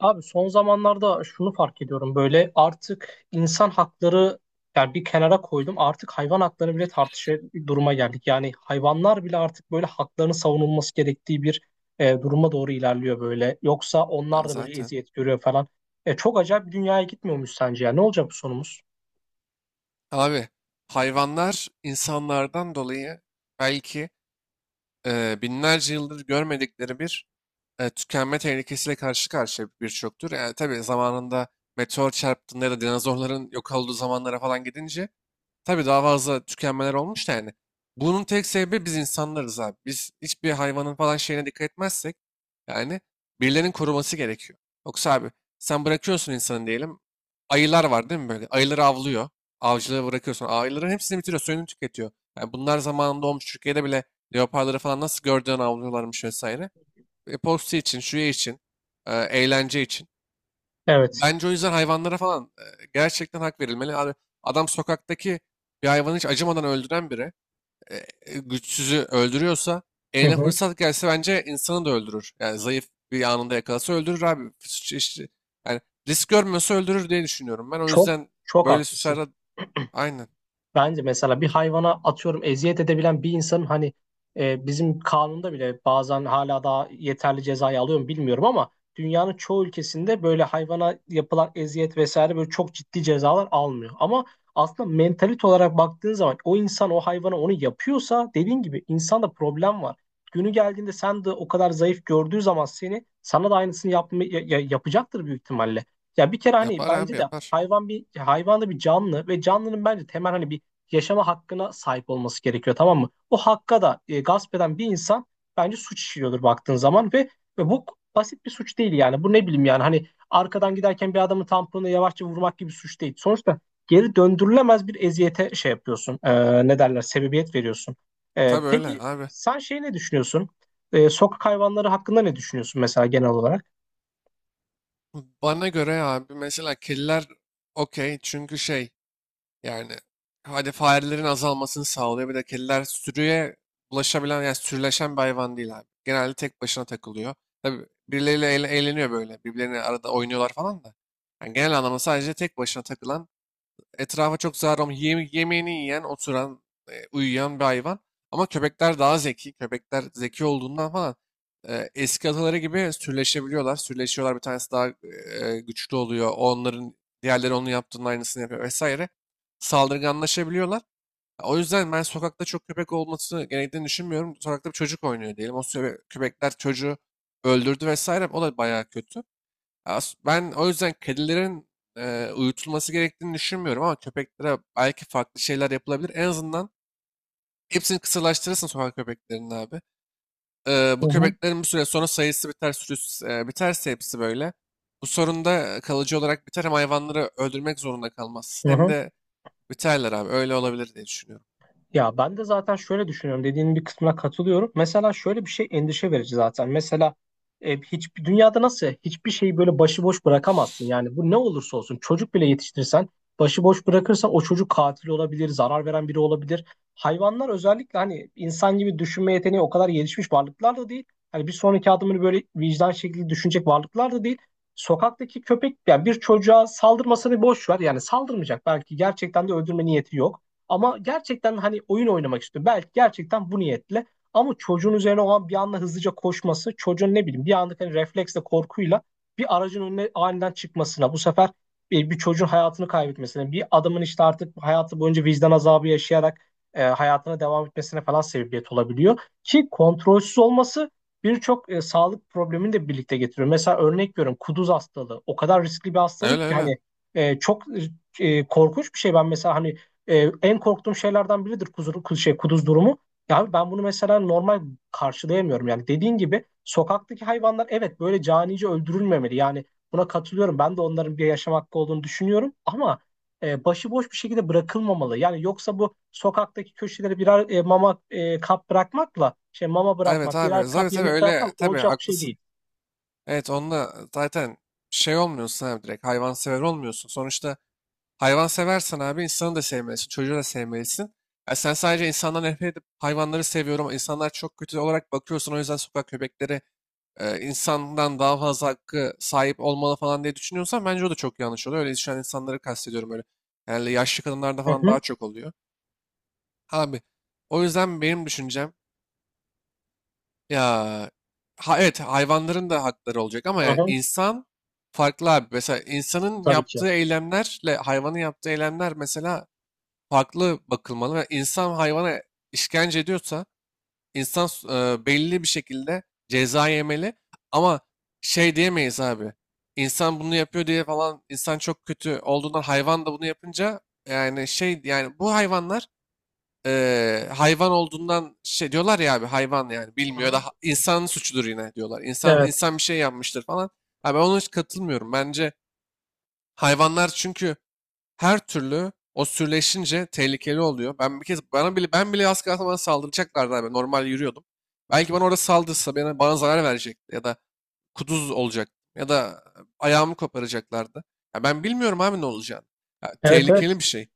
Abi son zamanlarda şunu fark ediyorum böyle artık insan hakları yani bir kenara koydum artık hayvan hakları bile tartışır duruma geldik. Yani hayvanlar bile artık böyle haklarının savunulması gerektiği bir duruma doğru ilerliyor böyle. Yoksa onlar da böyle Zaten. eziyet görüyor falan. Çok acayip bir dünyaya gitmiyormuş sence ya ne olacak bu sonumuz? Abi hayvanlar insanlardan dolayı belki binlerce yıldır görmedikleri bir tükenme tehlikesiyle karşı karşıya birçoktur. Yani tabii zamanında meteor çarptığında ya da dinozorların yok olduğu zamanlara falan gidince tabii daha fazla tükenmeler olmuş da yani. Bunun tek sebebi biz insanlarız abi. Biz hiçbir hayvanın falan şeyine dikkat etmezsek yani birilerinin koruması gerekiyor. Yoksa abi sen bırakıyorsun insanı diyelim. Ayılar var değil mi böyle? Ayıları avlıyor. Avcılığı bırakıyorsun. Ayıların hepsini bitiriyor. Suyunu tüketiyor. Yani bunlar zamanında olmuş. Türkiye'de bile leoparları falan nasıl gördüğün avlıyorlarmış vesaire. Postu için, şuya için, eğlence için. Evet. Bence o yüzden hayvanlara falan gerçekten hak verilmeli. Abi, adam sokaktaki bir hayvanı hiç acımadan öldüren biri, e, güçsüzü öldürüyorsa, Hı eline hı. fırsat gelse bence insanı da öldürür. Yani zayıf bir anında yakalasa öldürür abi. Yani risk görmüyorsa öldürür diye düşünüyorum. Ben o Çok yüzden Çok böyle haklısın. suçlarda aynen Bence mesela bir hayvana atıyorum eziyet edebilen bir insanın hani bizim kanunda bile bazen hala daha yeterli cezayı alıyor mu bilmiyorum ama dünyanın çoğu ülkesinde böyle hayvana yapılan eziyet vesaire böyle çok ciddi cezalar almıyor. Ama aslında mentalite olarak baktığın zaman o insan o hayvana onu yapıyorsa dediğin gibi insanda problem var. Günü geldiğinde sen de o kadar zayıf gördüğü zaman seni sana da aynısını yapma, yapacaktır büyük ihtimalle. Ya bir kere hani yapar bence abi de yapar. hayvan bir hayvan da bir canlı ve canlının bence temel hani bir yaşama hakkına sahip olması gerekiyor tamam mı? O hakka da gasp eden bir insan bence suç işliyordur baktığın zaman ve bu basit bir suç değil yani. Bu ne bileyim yani hani arkadan giderken bir adamın tamponuna yavaşça vurmak gibi suç değil. Sonuçta geri döndürülemez bir eziyete şey yapıyorsun. Ne derler? Sebebiyet veriyorsun. Tabii öyle Peki abi. sen şey ne düşünüyorsun? Sokak hayvanları hakkında ne düşünüyorsun mesela genel olarak? Bana göre abi mesela kediler okey, çünkü şey. Yani hadi farelerin azalmasını sağlıyor. Bir de kediler sürüye bulaşabilen yani sürüleşen bir hayvan değil abi. Genelde tek başına takılıyor. Tabii birileriyle eğleniyor böyle. Birbirlerine arada oynuyorlar falan da. Yani genel anlamda sadece tek başına takılan, etrafa çok zarar olmayan, yemeğini yiyen, oturan, uyuyan bir hayvan. Ama köpekler daha zeki. Köpekler zeki olduğundan falan eski ataları gibi sürleşebiliyorlar. Sürleşiyorlar. Bir tanesi daha güçlü oluyor. Onların diğerleri onun yaptığının aynısını yapıyor vesaire. Saldırganlaşabiliyorlar. O yüzden ben sokakta çok köpek olması gerektiğini düşünmüyorum. Sokakta bir çocuk oynuyor diyelim. Köpekler çocuğu öldürdü vesaire. O da bayağı kötü. Ben o yüzden kedilerin uyutulması gerektiğini düşünmüyorum ama köpeklere belki farklı şeyler yapılabilir. En azından hepsini kısırlaştırırsın sokak köpeklerinin abi. Bu Hı hı. köpeklerin bir süre sonra sayısı biter, sürüsü biterse hepsi böyle. Bu sorun da kalıcı olarak biter, hem hayvanları öldürmek zorunda Hı kalmazsın hem hı. de biterler abi. Öyle olabilir diye düşünüyorum. Ya ben de zaten şöyle düşünüyorum. Dediğinin bir kısmına katılıyorum. Mesela şöyle bir şey endişe verici zaten. Mesela hiçbir dünyada nasıl hiçbir şeyi böyle başıboş bırakamazsın. Yani bu ne olursa olsun çocuk bile yetiştirirsen başıboş bırakırsan o çocuk katil olabilir, zarar veren biri olabilir. Hayvanlar özellikle hani insan gibi düşünme yeteneği o kadar gelişmiş varlıklar da değil. Hani bir sonraki adımını böyle vicdan şekilde düşünecek varlıklar da değil. Sokaktaki köpek yani bir çocuğa saldırmasını boş ver. Yani saldırmayacak. Belki gerçekten de öldürme niyeti yok. Ama gerçekten hani oyun oynamak istiyor. Belki gerçekten bu niyetle. Ama çocuğun üzerine olan bir anda hızlıca koşması, çocuğun ne bileyim bir anda hani refleksle, korkuyla bir aracın önüne aniden çıkmasına, bu sefer bir çocuğun hayatını kaybetmesine, bir adamın işte artık hayatı boyunca vicdan azabı yaşayarak hayatına devam etmesine falan sebebiyet olabiliyor. Ki kontrolsüz olması birçok sağlık problemini de birlikte getiriyor. Mesela örnek veriyorum kuduz hastalığı. O kadar riskli bir hastalık Öyle ki öyle. hani çok korkunç bir şey. Ben mesela hani en korktuğum şeylerden biridir şey, kuduz durumu. Ya abi ben bunu mesela normal karşılayamıyorum. Yani dediğin gibi sokaktaki hayvanlar evet böyle canice öldürülmemeli. Yani buna katılıyorum. Ben de onların bir yaşam hakkı olduğunu düşünüyorum. Ama başıboş bir şekilde bırakılmamalı. Yani yoksa bu sokaktaki köşelere birer mama kap bırakmakla şey mama Evet bırakmak, birer abi. kap Tabii tabii yemek bırakmak öyle. Tabii olacak bir şey haklısın. değil. Evet, onunla zaten şey olmuyorsun abi, direkt hayvansever olmuyorsun. Sonuçta hayvan seversen abi insanı da sevmelisin, çocuğu da sevmelisin. Ya sen sadece insandan nefret edip hayvanları seviyorum ama insanlar çok kötü olarak bakıyorsun, o yüzden sokak köpekleri insandan daha fazla hakkı sahip olmalı falan diye düşünüyorsan bence o da çok yanlış oluyor. Öyle düşünen insanları kastediyorum öyle. Yani yaşlı kadınlarda Hı falan hı, daha çok oluyor. Abi o yüzden benim düşüncem ya, ha, evet hayvanların da hakları olacak ama hı yani hı, insan farklı abi. Mesela insanın tabii ki. yaptığı eylemlerle hayvanın yaptığı eylemler mesela farklı bakılmalı ve insan hayvana işkence ediyorsa belli bir şekilde ceza yemeli ama şey diyemeyiz abi. İnsan bunu yapıyor diye falan, insan çok kötü olduğundan hayvan da bunu yapınca yani şey, yani bu hayvanlar hayvan olduğundan şey diyorlar ya abi, hayvan yani Hı bilmiyor hı. da insanın suçudur yine diyorlar. İnsan Evet, insan bir şey yapmıştır falan. Abi ben ona hiç katılmıyorum. Bence hayvanlar çünkü her türlü o sürleşince tehlikeli oluyor. Ben bir kez bana bile ben bile az kalsın bana saldıracaklardı abi. Normal yürüyordum. Belki bana orada saldırsa, bana zarar verecekti ya da kuduz olacak ya da ayağımı koparacaklardı. Ya ben bilmiyorum abi ne olacağını. Ya evet, evet. tehlikeli bir şey.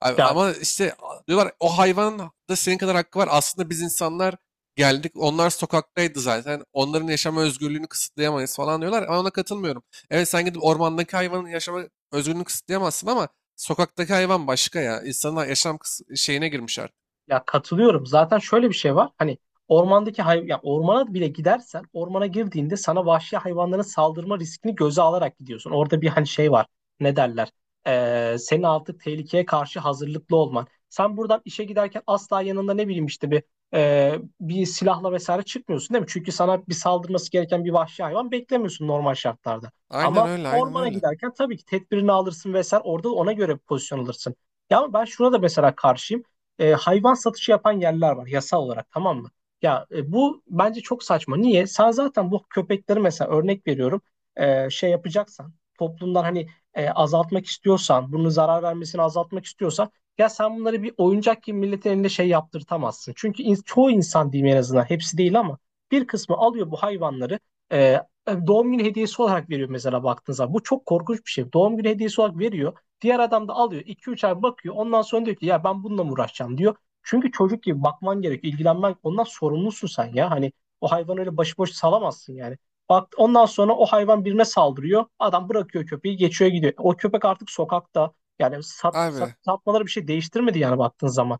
Abi Ya ama işte diyorlar o hayvanın da senin kadar hakkı var. Aslında biz insanlar geldik. Onlar sokaktaydı zaten. Onların yaşama özgürlüğünü kısıtlayamayız falan diyorlar. Ama ona katılmıyorum. Evet, sen gidip ormandaki hayvanın yaşama özgürlüğünü kısıtlayamazsın ama sokaktaki hayvan başka ya. İnsanın şeyine girmiş artık. Ya katılıyorum. Zaten şöyle bir şey var. Hani ormandaki hay ya ormana bile gidersen ormana girdiğinde sana vahşi hayvanların saldırma riskini göze alarak gidiyorsun. Orada bir hani şey var. Ne derler? Senin artık tehlikeye karşı hazırlıklı olman. Sen buradan işe giderken asla yanında ne bileyim işte bir e, bir silahla vesaire çıkmıyorsun değil mi? Çünkü sana bir saldırması gereken bir vahşi hayvan beklemiyorsun normal şartlarda. Aynen Ama öyle, aynen ormana öyle. giderken tabii ki tedbirini alırsın vesaire. Orada ona göre pozisyon alırsın. Ya ama ben şuna da mesela karşıyım hayvan satışı yapan yerler var yasal olarak tamam mı? Ya bu bence çok saçma. Niye? Sen zaten bu köpekleri mesela örnek veriyorum şey yapacaksan toplumdan hani azaltmak istiyorsan bunu zarar vermesini azaltmak istiyorsan ya sen bunları bir oyuncak gibi milletin elinde şey yaptırtamazsın. Çünkü in- çoğu insan diyeyim en azından hepsi değil ama bir kısmı alıyor bu hayvanları e, e, doğum günü hediyesi olarak veriyor mesela baktığınız zaman. Bu çok korkunç bir şey. Doğum günü hediyesi olarak veriyor. Diğer adam da alıyor iki üç ay bakıyor. Ondan sonra diyor ki ya ben bununla mı uğraşacağım diyor. Çünkü çocuk gibi bakman gerekiyor, ilgilenmen ondan sorumlusun sen ya. Hani o hayvanı öyle başıboş salamazsın yani. Bak ondan sonra o hayvan birine saldırıyor. Adam bırakıyor köpeği, geçiyor gidiyor. O köpek artık sokakta. Yani Abi, satmaları bir şey değiştirmedi yani baktığın zaman.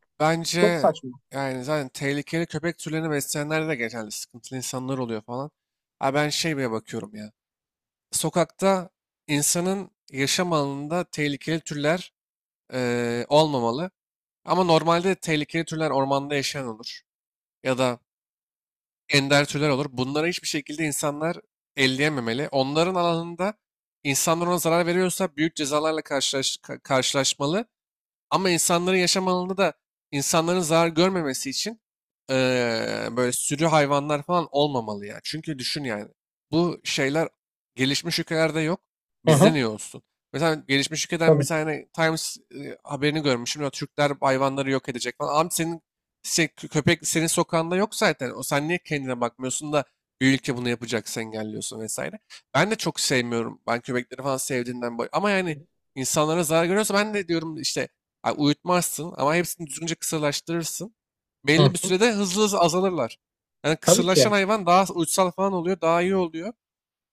Çok bence saçma. yani zaten tehlikeli köpek türlerini besleyenlerde de genelde sıkıntılı insanlar oluyor falan. Ha, ben şey bile bakıyorum ya. Sokakta, insanın yaşam alanında tehlikeli türler olmamalı. Ama normalde de tehlikeli türler ormanda yaşayan olur. Ya da ender türler olur. Bunlara hiçbir şekilde insanlar elleyememeli. Onların alanında insanlar ona zarar veriyorsa büyük cezalarla karşılaşmalı. Ama insanların yaşam alanında da insanların zarar görmemesi için böyle sürü hayvanlar falan olmamalı ya. Çünkü düşün yani bu şeyler gelişmiş ülkelerde yok. Hı Bizde hı. niye olsun? Mesela gelişmiş ülkeden bir Tabii. tane Times haberini görmüşüm. Ya Türkler hayvanları yok edecek falan. Abi senin köpek senin sokağında yok zaten. O sen niye kendine bakmıyorsun da bir ülke bunu yapacaksa engelliyorsun vesaire. Ben de çok sevmiyorum. Ben köpekleri falan sevdiğimden. Ama yani insanlara zarar görüyorsa ben de diyorum işte, ay, uyutmazsın ama hepsini düzgünce kısırlaştırırsın. Hı. Belli bir sürede hızlı hızlı azalırlar. Yani Tabii ki. kısırlaşan hayvan daha uysal falan oluyor, daha iyi oluyor.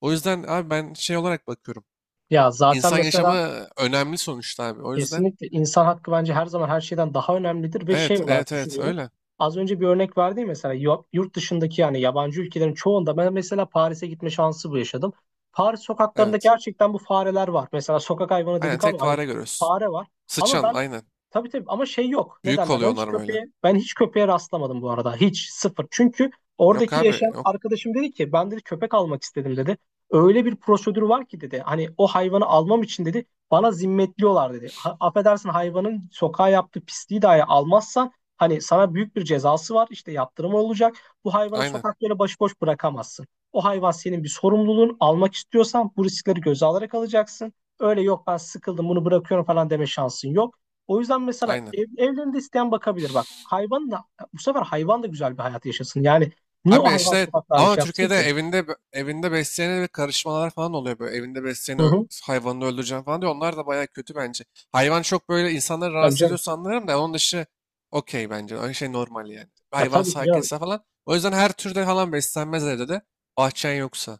O yüzden abi ben şey olarak bakıyorum. Ya zaten İnsan yaşamı mesela önemli sonuçta abi. O yüzden kesinlikle insan hakkı bence her zaman her şeyden daha önemlidir ve şey evet, olarak evet, evet düşünüyorum. öyle. Az önce bir örnek verdi ya mesela yurt dışındaki yani yabancı ülkelerin çoğunda ben mesela Paris'e gitme şansı bu yaşadım. Paris sokaklarında Evet. gerçekten bu fareler var. Mesela sokak hayvanı Aynen, dedik tek ama hani fare görüyorsun. fare var. Ama Sıçan ben aynen. tabii tabii ama şey yok. Ne Büyük derler? Oluyor onlar böyle. Ben hiç köpeğe rastlamadım bu arada. Hiç sıfır. Çünkü Yok oradaki abi yaşayan yok. arkadaşım dedi ki ben dedi köpek almak istedim dedi. Öyle bir prosedür var ki dedi. Hani o hayvanı almam için dedi bana zimmetliyorlar dedi. Ha, affedersin hayvanın sokağa yaptığı pisliği dahi almazsan hani sana büyük bir cezası var. İşte yaptırım olacak. Bu hayvanı Aynen. sokaklara başıboş bırakamazsın. O hayvan senin bir sorumluluğun. Almak istiyorsan bu riskleri göze alarak alacaksın. Öyle yok ben sıkıldım bunu bırakıyorum falan deme şansın yok. O yüzden mesela Aynen. Evlerinde isteyen bakabilir bak. Hayvan da bu sefer hayvan da güzel bir hayat yaşasın. Yani niye o Abi hayvan işte sokaklarda ama şey yapsın Türkiye'de ki? evinde besleyene bir karışmalar falan oluyor böyle. Evinde Hı besleyene hı. hayvanını öldüreceğim falan diyor. Onlar da bayağı kötü bence. Hayvan çok böyle insanları Tabii rahatsız canım. ediyorsa anlarım da onun dışı okey bence. Öyle şey normal yani. Ya Hayvan tabii ki canım. sakinse falan. O yüzden her türde falan beslenmez evde de. Bahçen yoksa.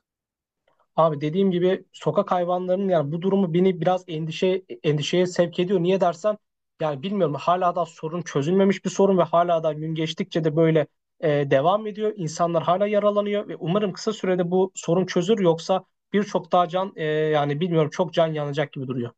Abi dediğim gibi sokak hayvanlarının yani bu durumu beni biraz endişeye sevk ediyor. Niye dersen yani bilmiyorum hala da sorun çözülmemiş bir sorun ve hala da gün geçtikçe de böyle devam ediyor. İnsanlar hala yaralanıyor ve umarım kısa sürede bu sorun çözülür yoksa birçok daha can yani bilmiyorum çok can yanacak gibi duruyor.